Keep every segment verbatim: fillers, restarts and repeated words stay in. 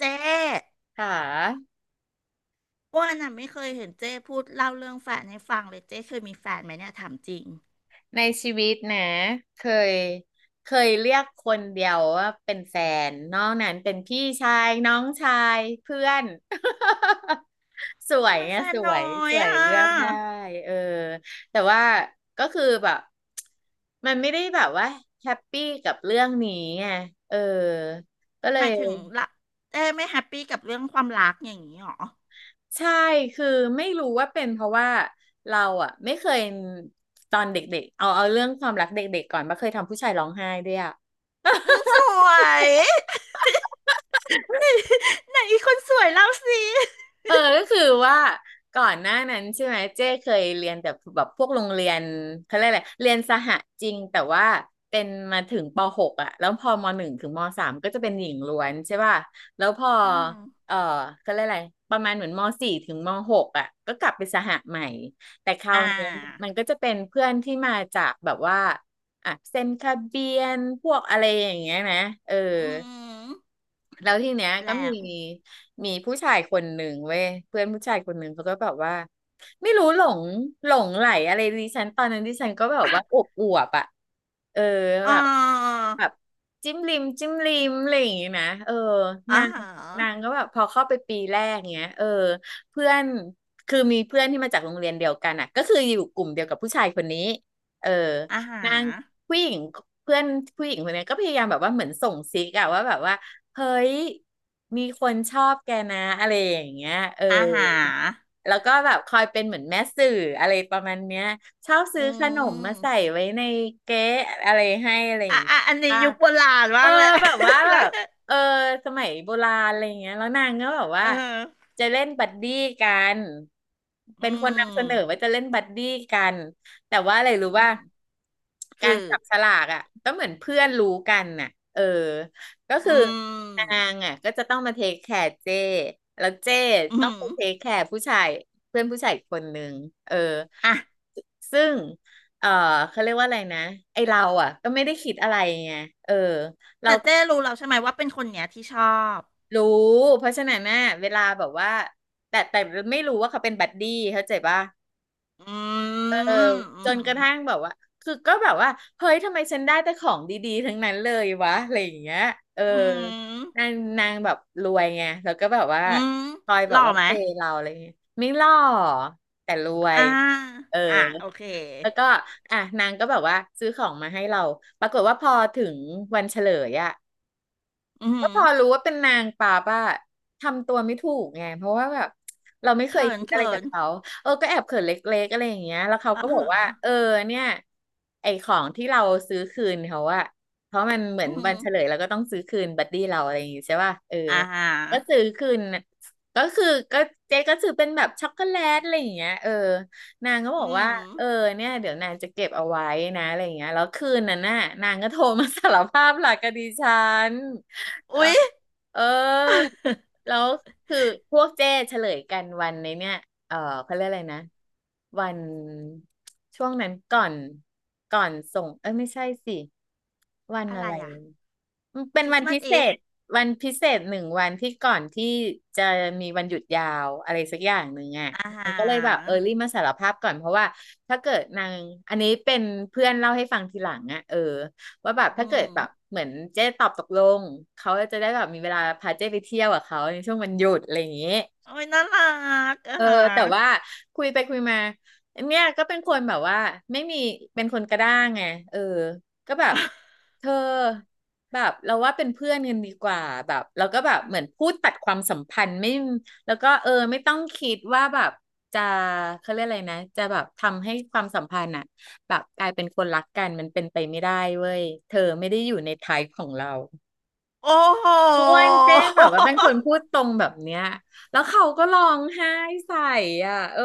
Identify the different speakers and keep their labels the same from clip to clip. Speaker 1: เจ๊
Speaker 2: ค่ะ
Speaker 1: อ้วนอ่ะไม่เคยเห็นเจ๊พูดเล่าเรื่องแฟนให้ฟังเลยเจ๊เคยมีแฟนไหมเนี่ยถามจริง
Speaker 2: ในชีวิตนะเคยเคยเรียกคนเดียวว่าเป็นแฟนนอกนั้นเป็นพี่ชายน้องชายเพื่อน สว
Speaker 1: ทำ
Speaker 2: ย
Speaker 1: ไม
Speaker 2: ไง
Speaker 1: แฟน
Speaker 2: สว
Speaker 1: น้อ
Speaker 2: ยส
Speaker 1: ย
Speaker 2: วย
Speaker 1: อ่ะ
Speaker 2: เลือกได้เออแต่ว่าก็คือแบบมันไม่ได้แบบว่าแฮปปี้กับเรื่องนี้ไงเออก็เล
Speaker 1: ห
Speaker 2: ย
Speaker 1: มายถึงละเจ๊ไม่แฮปปี้กับเรื่องความรักอย่างนี้หรอ
Speaker 2: ใช่ คือไม่รู้ว่าเป็นเพราะว่าเราอ่ะไม่เคยตอนเด็กๆเอาเอาเรื่องความรักเด็กๆก่อนมาเคยทำผู้ชายร้องไห้ด้วยอ่ะ
Speaker 1: อืมสวย ไหนไหนอีกคนสวยเล่าสิ
Speaker 2: เออก็คือว่าก่อนหน้านั้นใช่ไหมเจ้เคยเรียนแต่แบบพวกโรงเรียนเขาเรียกอะไรเรียนสหจริงแต่ว่าเป็นมาถึงปหกอ่ะแล้วพอมหนึ่งถึงมสามก็จะเป็นหญิงล้วนใช่ป่ะแล้วพอ
Speaker 1: อืม
Speaker 2: เออเขาเรียกอะไรประมาณเหมือนมสี่ถึงมหกอ่ะก็กลับไปสหใหม่แต่ครา
Speaker 1: อ่
Speaker 2: วนี้
Speaker 1: า
Speaker 2: มันก็จะเป็นเพื่อนที่มาจากแบบว่าอ่ะเซนคาเบียนพวกอะไรอย่างเงี้ยนะเออ
Speaker 1: อืม
Speaker 2: แล้วทีเนี้ยก็
Speaker 1: แล้ว
Speaker 2: มีมีผู้ชายคนหนึ่งเว้ยเพื่อนผู้ชายคนหนึ่งเขาก็แบบว่าไม่รู้หลงหลงไหลอะไรดิฉันตอนนั้นดิฉันก็แบบว่าอวบอวบอ่ะเออ
Speaker 1: อ๋
Speaker 2: แบ
Speaker 1: อ
Speaker 2: บแบบจิ้มลิมจิ้มลิมอะไรอย่างงี้นะเออนา
Speaker 1: อา
Speaker 2: ง
Speaker 1: หาร
Speaker 2: นางก็แบบพอเข้าไปปีแรกเงี้ยเออเพื่อนคือมีเพื่อนที่มาจากโรงเรียนเดียวกันอ่ะก็คืออยู่กลุ่มเดียวกับผู้ชายคนนี้เออ
Speaker 1: อาหา
Speaker 2: นา
Speaker 1: ร
Speaker 2: งผู้หญิงเพื่อนผู้หญิงคนนี้ก็พยายามแบบว่าเหมือนส่งซิกอะว่าแบบว่า เฮ้ยมีคนชอบแกนะอะไรอย่างเงี้ย เออ
Speaker 1: อาหาร
Speaker 2: แล้วก็แบบคอยเป็นเหมือนแม่สื่ออะไรประมาณเนี้ยชอบซื้อ
Speaker 1: อื
Speaker 2: ขนมมาใส่
Speaker 1: ม
Speaker 2: ไว้ในเก๊ะอะไรให้อะไรอย่า
Speaker 1: อ่ะ
Speaker 2: งเงี้ย
Speaker 1: อ่ะอันนี้ยุคโบราณ
Speaker 2: เอ
Speaker 1: มา
Speaker 2: อ
Speaker 1: กเลย
Speaker 2: แบบว่า แบ
Speaker 1: แล้ว
Speaker 2: บเออสมัยโบราณอะไรเงี้ยแล้วนางก็แบบ
Speaker 1: เอ
Speaker 2: ว่า
Speaker 1: อ
Speaker 2: จะเล่นบัดดี้กันเป็น
Speaker 1: อื
Speaker 2: คนนำเส
Speaker 1: ม
Speaker 2: นอว่าจะเล่นบัดดี้กันแต่ว่าอะไรรู้
Speaker 1: อื
Speaker 2: ว่า
Speaker 1: ม
Speaker 2: กา
Speaker 1: คื
Speaker 2: ร
Speaker 1: อ
Speaker 2: จับฉลากอ่ะก็เหมือนเพื่อนรู้กันน่ะเออก็คือ
Speaker 1: อื
Speaker 2: นา
Speaker 1: ม
Speaker 2: งอ่ะก็จะต้องมาเทคแคร์เจ้แล้วเจ้
Speaker 1: อื
Speaker 2: ต้อง
Speaker 1: ม
Speaker 2: ไปเทคแคร์ผู้ชายเพื่อนผู้ชายอีกคนนึงเออ
Speaker 1: อ่ะ
Speaker 2: ซึ่งเออเขาเรียกว่าอะไรนะไอเราอ่ะก็ไม่ได้คิดอะไรไงเออ เรา
Speaker 1: แต่
Speaker 2: ก็
Speaker 1: เจ้รู้แล้วใช่ไหมว่าเป็นคนเนี้ยที่ชอบ
Speaker 2: รู้เพราะฉะนั้นน่ะเวลาแบบว่าแต่แต่ไม่รู้ว่าเขาเป็นบัดดี้เข้าใจป่ะ
Speaker 1: อื
Speaker 2: เออ
Speaker 1: มอื
Speaker 2: จน
Speaker 1: ม
Speaker 2: กระทั่งแบบว่าคือก็แบบว่าเฮ้ยทำไมฉันได้แต่ของดีๆทั้งนั้นเลยวะอะไรอย่างเงี้ยเออ
Speaker 1: อืม
Speaker 2: นางนางแบบรวยไงแล้วก็แบบว่า
Speaker 1: อืม
Speaker 2: คอย
Speaker 1: ห
Speaker 2: แบ
Speaker 1: ล่
Speaker 2: บ
Speaker 1: อ
Speaker 2: ว่า
Speaker 1: ไหม
Speaker 2: เปย์เราอะไรเงี้ยไม่หล่อแต่รว
Speaker 1: อ่า
Speaker 2: ยเออ
Speaker 1: อ่ะโอเค
Speaker 2: แล้วก็อ่ะนางก็แบบว่าซื้อของมาให้เราปรากฏว่าพอถึงวันเฉลยอะ
Speaker 1: อื
Speaker 2: ก็
Speaker 1: ม
Speaker 2: พอรู้ว่าเป็นนางป่าป่ะทำตัวไม่ถูกไงเพราะว่าแบบเราไม่เคย
Speaker 1: เขิน
Speaker 2: คิดอะไร
Speaker 1: เขิ
Speaker 2: กับ
Speaker 1: น
Speaker 2: เขาเออก็แอบเขินเล็กๆอะไรอย่างเงี้ยแล้วเขา
Speaker 1: อ่า
Speaker 2: ก็บอ
Speaker 1: ฮะ
Speaker 2: กว่าเออเนี่ยไอของที่เราซื้อคืนเขาอะเพราะมันเหมือ
Speaker 1: อื
Speaker 2: นวั
Speaker 1: ม
Speaker 2: นเฉลยเราก็ต้องซื้อคืนบัดดี้เราอะไรอย่างงี้ใช่ป่ะเออ
Speaker 1: อ่าฮะ
Speaker 2: ก็ซื้อคืนน่ะก็คือก็เจ๊ก็ซื้อเป็นแบบช็อกโกแลตอะไรอย่างเงี้ยเออนางก็บอก
Speaker 1: อื
Speaker 2: ว่า
Speaker 1: ม
Speaker 2: เออเนี่ยเดี๋ยวนางจะเก็บเอาไว้นะอะไรอย่างเงี้ยแล้วคืนนั้นน่ะนางก็โทรมาสารภาพหลักกับดิฉัน แล้
Speaker 1: อุ๊
Speaker 2: ว
Speaker 1: ย
Speaker 2: เออแล้วคือพวกเจ้เฉลยกันวันในเนี่ยเออเขาเรียกอะไรนะวันช่วงนั้นก่อนก่อนส่งเอ้ยไม่ใช่สิวัน
Speaker 1: อะ
Speaker 2: อะ
Speaker 1: ไร
Speaker 2: ไร
Speaker 1: อ่ะ
Speaker 2: เป็
Speaker 1: ค
Speaker 2: น
Speaker 1: ริ
Speaker 2: วั
Speaker 1: ส
Speaker 2: น
Speaker 1: ต์มา
Speaker 2: พิ
Speaker 1: ส
Speaker 2: เศ
Speaker 1: อีฟ
Speaker 2: ษวันพิเศษหนึ่งวันที่ก่อนที่จะมีวันหยุดยาวอะไรสักอย่างหนึ่งอ่ะ
Speaker 1: อ่าฮ
Speaker 2: นางก็เลยแบบเออ
Speaker 1: ะ
Speaker 2: รีมาสารภาพก่อนเพราะว่าถ้าเกิดนางอันนี้เป็นเพื่อนเล่าให้ฟังทีหลังอ่ะเออว่าแบบถ้า
Speaker 1: อื
Speaker 2: เกิดแบบ
Speaker 1: ม
Speaker 2: เหมือนเจ๊ตอบตกลงเขาจะได้แบบมีเวลาพาเจ๊ไปเที่ยวกับเขาในช่วงวันหยุดอะไรอย่างงี้
Speaker 1: โอ้ยน่ารักอ่า
Speaker 2: เออ
Speaker 1: ฮ
Speaker 2: แต่ว่า
Speaker 1: ะ
Speaker 2: คุยไปคุยมาเนี่ยก็เป็นคนแบบว่าไม่มีเป็นคนกระด้างไงเออก็แบบเธอแบบเราว่าเป็นเพื่อนกันดีกว่าแบบเราก็แบบเหมือนพูดตัดความสัมพันธ์ไม่แล้วก็เออไม่ต้องคิดว่าแบบจะเขาเรียกอะไรนะจะแบบทำให้ความสัมพันธ์อะแบบกลายเป็นคนรักกันมันเป็นไปไม่ได้เว้ยเธอไม่ได้อยู่ในไทป์ของเรา
Speaker 1: โอ้โห
Speaker 2: อ้วนเจ๊งแบบว่าเป็นคนพูดตรงแบบเนี้ยแล้วเขาก็ร้องไห้ใส่อ่ะเออ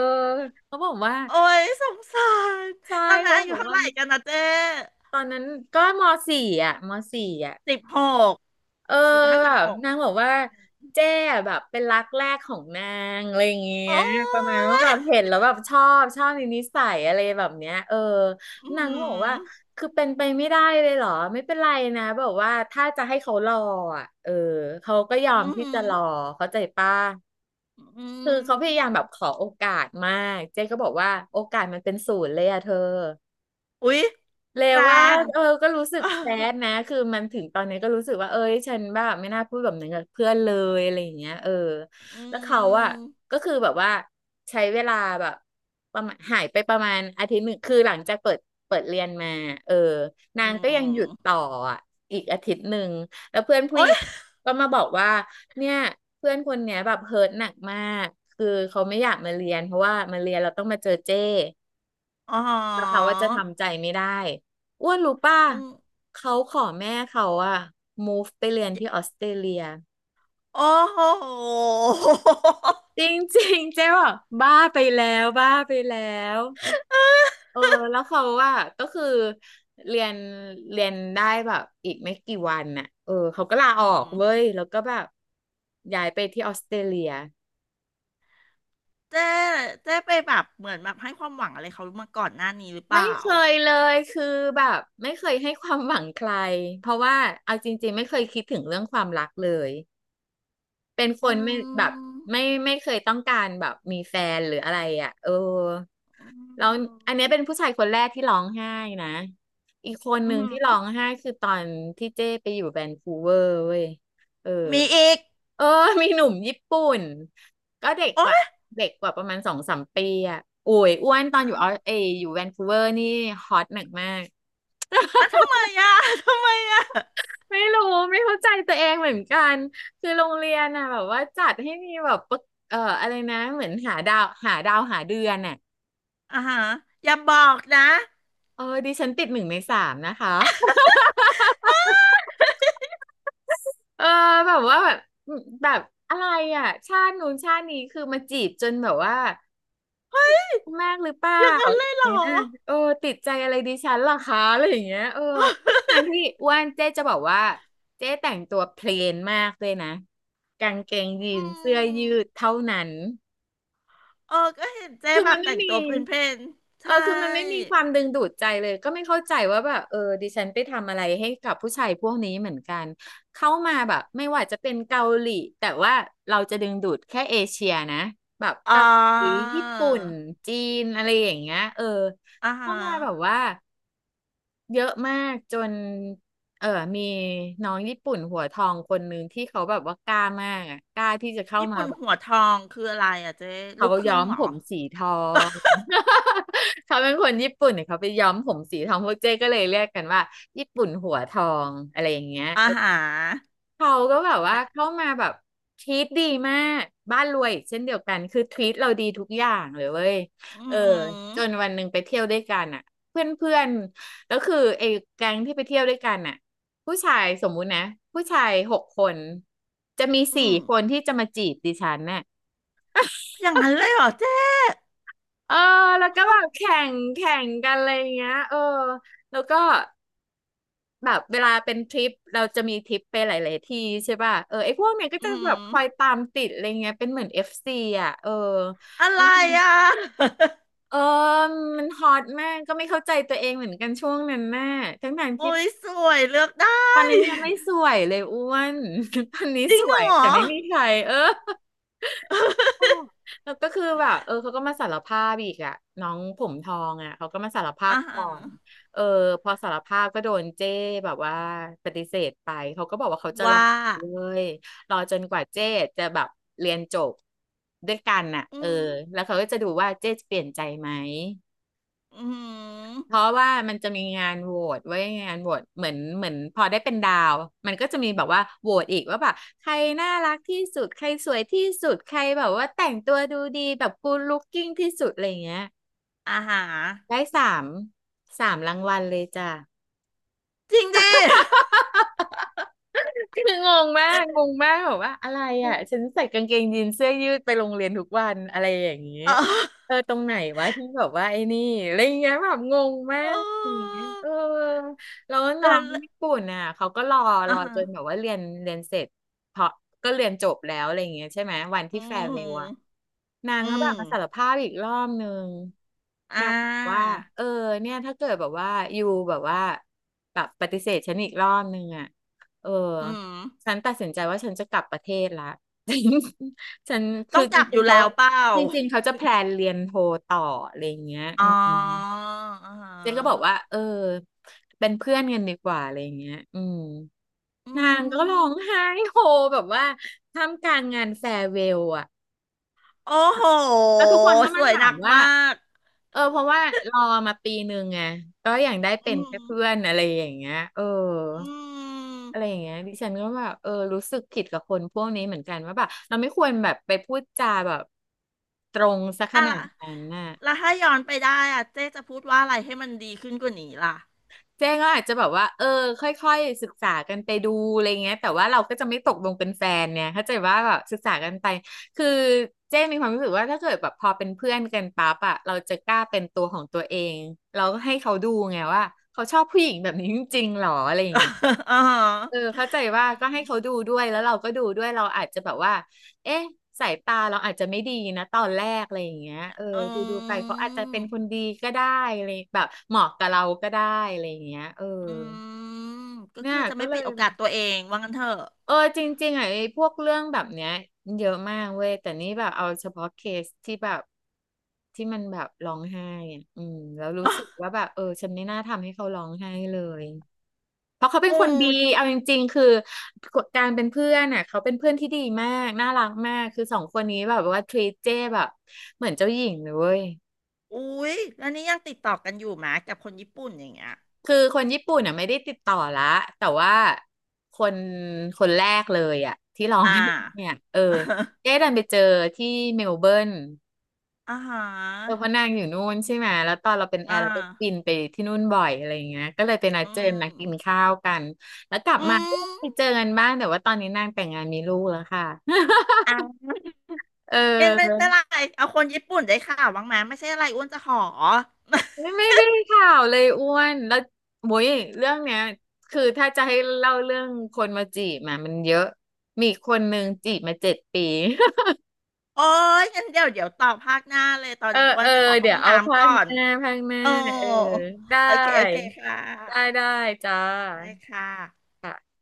Speaker 2: เขาบอกว่า
Speaker 1: โอ้ยสงสาร
Speaker 2: ใช่
Speaker 1: ตอนนั้น
Speaker 2: เขา
Speaker 1: อายุ
Speaker 2: บอก
Speaker 1: เท่า
Speaker 2: ว่า
Speaker 1: ไหร่กันนะเจ๊
Speaker 2: ตอนนั้นก็มสี่อ่ะมสี่อ่ะ
Speaker 1: สิบหก
Speaker 2: เออ
Speaker 1: สิบห้า
Speaker 2: แบ
Speaker 1: สิบ
Speaker 2: บ
Speaker 1: หก
Speaker 2: นางบอกว่าเจ๊อะแบบเป็นรักแรกของนางอะไรอย่างเงี้ย
Speaker 1: โอ้
Speaker 2: ประมาณว่าแบ
Speaker 1: ย
Speaker 2: บเห็นแล้วแบบชอบชอบในนิสัยอะไรแบบเนี้ยเออ
Speaker 1: อื
Speaker 2: นางก็บอกว่า
Speaker 1: ม
Speaker 2: คือเป็นไปไม่ได้เลยเหรอไม่เป็นไรนะแบบว่าถ้าจะให้เขารออ่ะเออเขาก็ยอ
Speaker 1: อื
Speaker 2: มที่
Speaker 1: ม
Speaker 2: จะรอเข้าใจป้ะ
Speaker 1: อื
Speaker 2: คือ
Speaker 1: ม
Speaker 2: เขาพยายามแบบขอโอกาสมาก เจ๊ก็บอกว่าโอกาสมันเป็นศูนย์เลยอะเธอ
Speaker 1: อุ๊ย
Speaker 2: เลว
Speaker 1: แร
Speaker 2: ว่า
Speaker 1: ง
Speaker 2: เออก็รู้สึ
Speaker 1: เอ
Speaker 2: ก
Speaker 1: อ
Speaker 2: แซดนะคือมันถึงตอนนี้ก็รู้สึกว่าเอ้ยฉันแบบไม่น่าพูดแบบนั้นกับเพื่อนเลยอะไรอย่างเงี้ยเออ
Speaker 1: อื
Speaker 2: แล้วเขาอะ
Speaker 1: ม
Speaker 2: ก็คือแบบว่าใช้เวลาแบบประมาณหายไปประมาณอาทิตย์หนึ่งคือหลังจากเปิดเปิดเรียนมาเออ
Speaker 1: อื
Speaker 2: นางก็ยังหยุด
Speaker 1: ม
Speaker 2: ต่ออะอีกอาทิตย์หนึ่งแล้วเพื่อนผู้ห
Speaker 1: โอ้
Speaker 2: ญิ
Speaker 1: ย
Speaker 2: งก็มาบอกว่าเนี่ยเพื่อนคนเนี้ยแบบเฮิร์ตหนักมากคือเขาไม่อยากมาเรียนเพราะว่ามาเรียนเราต้องมาเจอเจ้
Speaker 1: อ๋อ
Speaker 2: แล้วเขาว่าจะทำใจไม่ได้อ้วนรู้ป่ะ
Speaker 1: อืม
Speaker 2: เขาขอแม่เขาอะ move ไปเรียนที่ออสเตรเลีย
Speaker 1: โอ้โห
Speaker 2: จริงๆเจ๊บอกบ้าไปแล้วบ้าไปแล้วเออแล้วเขาว่าก็คือเรียนเรียนได้แบบอีกไม่กี่วันน่ะเออเขาก็ลาอ
Speaker 1: อื
Speaker 2: อ
Speaker 1: ม
Speaker 2: ก
Speaker 1: อืม
Speaker 2: เว้ยแล้วก็แบบย้ายไปที่ออสเตรเลีย
Speaker 1: เจ๊เจ๊ไปแบบเหมือนแบบให้ความหวังอะไรเขามาก่อนหน้านี้หรือเป
Speaker 2: ไม่
Speaker 1: ล่า
Speaker 2: เคยเลยคือแบบไม่เคยให้ความหวังใครเพราะว่าเอาจริงๆไม่เคยคิดถึงเรื่องความรักเลย เป็นค
Speaker 1: อื
Speaker 2: นไม่แบบ
Speaker 1: ม
Speaker 2: ไม่ไม่เคยต้องการแบบมีแฟนหรืออะไรอ่ะเออ
Speaker 1: อื
Speaker 2: แล้วอันเนี้ย
Speaker 1: ม
Speaker 2: เป็นผู้ชายคนแรกที่ร้องไห้นะอีกคนห
Speaker 1: อื
Speaker 2: นึ่งที่ร้อ
Speaker 1: ม
Speaker 2: งไห้คือตอนที่เจ้ไปอยู่แวนคูเวอร์เว้ยเออ
Speaker 1: มีอีก
Speaker 2: เออมีหนุ่มญี่ปุ่นก็เด็ก
Speaker 1: โอ๊
Speaker 2: กว่า
Speaker 1: ย
Speaker 2: เด็กกว่าประมาณสองสามปีอ่ะโอ้ยอ้วนตอน
Speaker 1: อ่ะ
Speaker 2: อยู่ออสเอยอยู่แวนคูเวอร์นี่ฮอตหนักมาก
Speaker 1: อ่ะทำไมอ่ะ ทำไมอ่ะ
Speaker 2: ไม่รู้ไม่เข้าใจตัวเองเหมือนกันคือโรงเรียนน่ะแบบว่าจัดให้มีแบบประเอ่ออะไรนะเหมือนหาดาวหาดาวหาเดือนน่ะ
Speaker 1: อ่าฮะอย่าบอกนะ
Speaker 2: เออดิฉันติดหนึ่งในสามนะคะเออแบบว่าแบบแบบอะไรอ่ะชาตินู้นชาตินี้คือมาจีบจนแบบว่าแมากหรือเปล่า
Speaker 1: อย่างนั้
Speaker 2: อะ
Speaker 1: น
Speaker 2: ไร
Speaker 1: เล
Speaker 2: อ
Speaker 1: ย
Speaker 2: ย่าง
Speaker 1: เหรอ
Speaker 2: เงี้ยเออติดใจอะไรดิฉันเหรอคะอะไรอย่างเงี้ยเออ ทั้งที่อ้วนเจ๊จะบอกว่าเจ๊แต่งตัวเพลนมากด้วยนะกางเกงยี
Speaker 1: อื
Speaker 2: นเสื้อยื
Speaker 1: ม
Speaker 2: ดเท่านั้น
Speaker 1: เออก็เห็นเจ๊
Speaker 2: คือ
Speaker 1: แบ
Speaker 2: มั
Speaker 1: บ
Speaker 2: น
Speaker 1: แต่
Speaker 2: ไม่
Speaker 1: ง
Speaker 2: มี
Speaker 1: ตัวเป็นเพน
Speaker 2: เออ
Speaker 1: ใช่
Speaker 2: คือมันไม่มีความดึงดูดใจเลยก็ไม่เข้าใจว่าแบบเออดิฉันไปทำอะไรให้กับผู้ชายพวกนี้เหมือนกัน เข้ามาแบบไม่ว่าจะเป็นเกาหลี แต่ว่าเราจะดึงดูดแค่เอเชียนะแบบ
Speaker 1: อ๋อ
Speaker 2: เกาหลีญี่ปุ่น จีนอะไรอย่างเงี้ยเออ
Speaker 1: อ่าฮะ
Speaker 2: เข้ามาแบบว่าเยอะมากจนเออมีน้องญี่ปุ่นหัวทองคนนึงที่เขาแบบว่ากล้ามากอะกล้าที่จะเข้า
Speaker 1: ญี่
Speaker 2: มา
Speaker 1: ปุ่น
Speaker 2: แบบ
Speaker 1: หัวทองคืออะไรอ่ะเจ๊
Speaker 2: เขา
Speaker 1: ลูกค
Speaker 2: ย้
Speaker 1: รึ่
Speaker 2: อ
Speaker 1: ง
Speaker 2: ม
Speaker 1: เหร
Speaker 2: ผ
Speaker 1: อ
Speaker 2: มสีทอง เขาเป็นคนญี่ปุ่นเนี่ยเขาไปย้อมผมสีทองพวกเจ๊ก็เลยเรียกกันว่าญี่ปุ่นหัวทองอะไรอย่างเงี้ย
Speaker 1: อ่า
Speaker 2: เออ
Speaker 1: ฮะ
Speaker 2: เขาก็แบบว่า
Speaker 1: และ
Speaker 2: เข้ามาแบบทรีตดีมากบ้านรวยอีกเช่นเดียวกันคือทรีตเราดีทุกอย่างเลยเว้ย
Speaker 1: อื
Speaker 2: เออ
Speaker 1: มอ
Speaker 2: จนวันหนึ่งไปเที่ยวด้วยกันอ่ะเพื่อนเพื่อนแล้วคือไอ้แก๊งที่ไปเที่ยวด้วยกันอ่ะผู้ชายสมมุตินะผู้ชายหกคนจะมี
Speaker 1: ื
Speaker 2: สี่
Speaker 1: ม
Speaker 2: คนที่จะมาจีบดิฉันน่ะ
Speaker 1: อย่างนั้นเลยเหรอเจ๊
Speaker 2: เออแล้ว
Speaker 1: โค
Speaker 2: ก็แบ
Speaker 1: ตร
Speaker 2: บแข่งแข่งกันอะไรอย่างเงี้ยเออแล้วก็แบบเวลาเป็นทริปเราจะมีทริปไปหลายๆที่ใช่ป่ะเออไอ้พวกเนี้ยก็จะ
Speaker 1: อื
Speaker 2: แบบ
Speaker 1: ม
Speaker 2: คอยตามติดอะไรเงี้ยเป็นเหมือนเอฟซีอ่ะเออ
Speaker 1: อะไรอ่ะ
Speaker 2: เออมันฮอตมากก็ไม่เข้าใจตัวเองเหมือนกันช่วงนั้นน่ะทั้งทางที่
Speaker 1: โอ้ยสวยเลือกได้
Speaker 2: ตอนนั้นยังไม่สวยเลยอ้วน ตอนนี้
Speaker 1: จริ
Speaker 2: ส
Speaker 1: ง
Speaker 2: วย
Speaker 1: เหรอ
Speaker 2: แต่ไม่มีใครเออ ค่ะแล้วก็คือแบบเออเขาก็มาสารภาพอีกอะน้องผมทองอะเขาก็มาสารภาพ
Speaker 1: อา
Speaker 2: ก่
Speaker 1: ฮา
Speaker 2: อนเออพอสารภาพก็โดนเจ้แบบว่าปฏิเสธไปเขาก็บอกว่าเขาจะรอ
Speaker 1: ว่า
Speaker 2: เลยรอจนกว่าเจ้จะแบบเรียนจบด้วยกันน่ะ
Speaker 1: อื
Speaker 2: เออ
Speaker 1: ม
Speaker 2: แล้วเขาก็จะดูว่าเจ้จะเปลี่ยนใจไหม
Speaker 1: อื
Speaker 2: เพ
Speaker 1: ม
Speaker 2: ราะว่ามันจะมีงานโหวตไว้ยงานโหวตเหมือนเหมือนพอได้เป็นดาวมันก็จะมีแบบว่าโหวตอีกว่าแบบใครน่ารักที่สุดใครสวยที่สุดใครแบบว่าแต่งตัวดูดีแบบกู o ล looking ที่สุดอะไรเงี้ย
Speaker 1: อาฮา
Speaker 2: ได้สามสามรางวัลเลยจ้ะ
Speaker 1: จริงดิ
Speaker 2: คืองงมากงงมากแบบว่าอะไรอ่ะฉัน ใส่กางเกงยีนเสื้อยืดไปโรงเรียนทุกวันอะไรอย่างนี้
Speaker 1: เออ
Speaker 2: เออตรงไหนวะที่แบบว่าไอ้นี่อะไรอย่างเงี้ยแบบงงมา
Speaker 1: เ
Speaker 2: กอย่าง
Speaker 1: ออ
Speaker 2: เงี้ยเออแล้วน้อ
Speaker 1: แล้ว
Speaker 2: งญี่ปุ่นอ่ะเขาก็รอร
Speaker 1: อา
Speaker 2: อ
Speaker 1: ฮะ
Speaker 2: จนแบบว่าเรียนเรียนเสร็จเพราะก็เรียนจบแล้วอะไรอย่างเงี้ยใช่ไหมวัน
Speaker 1: อื
Speaker 2: ที่แฟร์เวลอะ
Speaker 1: ม
Speaker 2: นาง
Speaker 1: อื
Speaker 2: ก็แบบ
Speaker 1: ม
Speaker 2: มาสารภาพอีกรอบนึง
Speaker 1: อ่
Speaker 2: นางบอกว่า
Speaker 1: า
Speaker 2: เออเนี่ยถ้าเกิดแบบว่าอยู่แบบว่าแบบปฏิเสธฉันอีกรอบนึงอ่ะเออ
Speaker 1: อืม
Speaker 2: ฉันตัดสินใจว่าฉันจะกลับประเทศละ ฉัน
Speaker 1: ต้
Speaker 2: คื
Speaker 1: อ
Speaker 2: อ
Speaker 1: งก
Speaker 2: จ
Speaker 1: ลับอ
Speaker 2: ริง
Speaker 1: ยู่
Speaker 2: ๆเขา
Speaker 1: แล้วเปล่า
Speaker 2: จริงๆเขาจะแพลนเรียนโทต่ออะไรอย่างเงี้ยอื
Speaker 1: อ๋อ
Speaker 2: ม
Speaker 1: อาฮา
Speaker 2: เจนก็บอกว่าเออเป็นเพื่อนกันดีกว่าอะไรอย่างเงี้ยอืม
Speaker 1: อื
Speaker 2: นางก็ร้
Speaker 1: ม
Speaker 2: องไห้โฮแบบว่าท่ามกลางงานแฟร์เวลอะ
Speaker 1: โอ้โห
Speaker 2: แล้วทุกคนก็
Speaker 1: ส
Speaker 2: มา
Speaker 1: วย
Speaker 2: ถา
Speaker 1: ห
Speaker 2: ม
Speaker 1: นัก
Speaker 2: ว่า
Speaker 1: มาก
Speaker 2: เออเพราะว่ารอมาปีหนึ่งไงก็อย่างได้เป็
Speaker 1: อื
Speaker 2: นแค่
Speaker 1: ม
Speaker 2: เพื่อนอะไรอย่างเงี้ยเออ
Speaker 1: อืม
Speaker 2: อะไรอย่างเงี้ยดิฉันก็แบบเออรู้สึกผิดกับคนพวกนี้เหมือนกันว่าแบบเราไม่ควรแบบไปพูดจาแบบตรงซะข
Speaker 1: อะ
Speaker 2: นา
Speaker 1: ไร
Speaker 2: ดนั้นน่ะ
Speaker 1: แล้วถ้าย้อนไปได้อะเจ๊จะพูดว่าอะไรให้มันดีขึ้นกว่านี้ล่ะ
Speaker 2: เจ้ก็อาจจะแบบว่า เออค่อยๆศึกษากันไปดูอะไรเงี้ยแต่ว่าเราก็จะไม่ตกลงเป็นแฟนเนี่ยเข้าใจว่าแบบศึกษากันไปคือเจ้มีความรู้สึกว่าถ้าเกิดแบบพอเป็นเพื่อนกันปั๊บอะเราจะกล้าเป็นตัวของตัวเองเราก็ให้เขาดูไงว่าเขาชอบผู้หญิงแบบนี้จริงๆหรออะไรอย่างเงี้ย
Speaker 1: อ๋อ
Speaker 2: เออเข้าใจว่าก็ให้เขาดูด้วยแล้วเราก็ดูด้วยเราอาจจะแบบว่าเอ๊ะสายตาเราอาจจะไม่ดีนะตอนแรกอะไรอย่างเงี้ยเออ
Speaker 1: อื
Speaker 2: ดูดูไปเขาอาจจะเป็นคน
Speaker 1: ม
Speaker 2: ดีก็ได้อะไรแบบเหมาะกับเราก็ได้อะไรอย่างเงี้ยเออ
Speaker 1: อืมก็
Speaker 2: เนี่ย
Speaker 1: คือจะ
Speaker 2: ก็
Speaker 1: ไม่
Speaker 2: เล
Speaker 1: ปิ
Speaker 2: ย
Speaker 1: ดโอ
Speaker 2: แบ
Speaker 1: กา
Speaker 2: บ
Speaker 1: สตัวเองว่างั้นเถอะ
Speaker 2: เออจริงๆอ่ะไอ้พวกเรื่องแบบเนี้ยเยอะมากเว้ยแต่นี่แบบเอาเฉพาะเคสที่แบบที่มันแบบร้องไห้อ่ะอืมแล้วรู้สึกว่า แบบเออฉันไม่น่าทำให้เขาร้องไห้เลย เพราะเขาเป็น
Speaker 1: โอ้
Speaker 2: คนดีเอาจริงๆ คือการเป็นเพื่อนน่ะเขาเป็นเพื่อนที่ดีมากน่ารักมาก คือสองคนนี้แบบว่าทรีเจ้แบบเหมือนเจ้าหญิงเลยเว้ย
Speaker 1: อุ๊ยแล้วนี่ยังติดต่อกันอยู่ไหมกับคนญี่ปุ่นอย่างเงี้ย
Speaker 2: คือคนญี่ปุ่นน่ะไม่ได้ติดต่อละแต่ว่าคนคนแรกเลยอ่ะที่ร้อง
Speaker 1: อ่า
Speaker 2: ไห้เนี่ยเออเจ๊ดั นไปเจอที่เมลเบิร์น
Speaker 1: อ่าฮ
Speaker 2: เออเพ
Speaker 1: ะ
Speaker 2: ราะนางอยู่นู่นใช่ไหมแล้วตอนเราเป็นแอ
Speaker 1: อ่า
Speaker 2: ร์เราก็บินไปที่นู่นบ่อยอะไรอย่างเงี้ยก็เลยไปนัด
Speaker 1: อื
Speaker 2: เจอ
Speaker 1: ม
Speaker 2: นัดกินข้าวกันแล้วกลับ
Speaker 1: อื
Speaker 2: มาก็
Speaker 1: ม
Speaker 2: ไปเจอกันบ้างแต่ว่าตอนนี้นางแต่งงานมีลูกแล้วค่ะ
Speaker 1: อ่ะ
Speaker 2: เ
Speaker 1: เย็นไม่
Speaker 2: ออ
Speaker 1: เป็นไร เอาคนญี่ปุ่นได้ข่าวบ้างไหมไม่ใช่อะไรอ้วนจะขอ
Speaker 2: ไม่ไม่ได้ข่าวเลยอ้วนแล้วโว้ยเรื่องเนี้ยคือถ้าจะให้เล่าเรื่องคนมาจีบมามันเยอะมีคนหนึ่งจีบมาเจ็ดปี
Speaker 1: โอ้ยงั้นเดี๋ยวเดี๋ยวต่อภาคหน้าเลยตอน
Speaker 2: เออ
Speaker 1: นี้อ้ว
Speaker 2: เอ
Speaker 1: น
Speaker 2: อ
Speaker 1: ไปขอเข้า
Speaker 2: เดี๋ย
Speaker 1: ห้
Speaker 2: ว
Speaker 1: อง
Speaker 2: เอา
Speaker 1: น้ำ
Speaker 2: ภา
Speaker 1: ก่
Speaker 2: ค
Speaker 1: อ
Speaker 2: ห
Speaker 1: น
Speaker 2: น้าภาคหน้า
Speaker 1: โอ้
Speaker 2: เออได้
Speaker 1: โอเคโอเคค่
Speaker 2: ได้
Speaker 1: ะ
Speaker 2: ได้จ้า
Speaker 1: ได้ค่ะ
Speaker 2: ค่ะ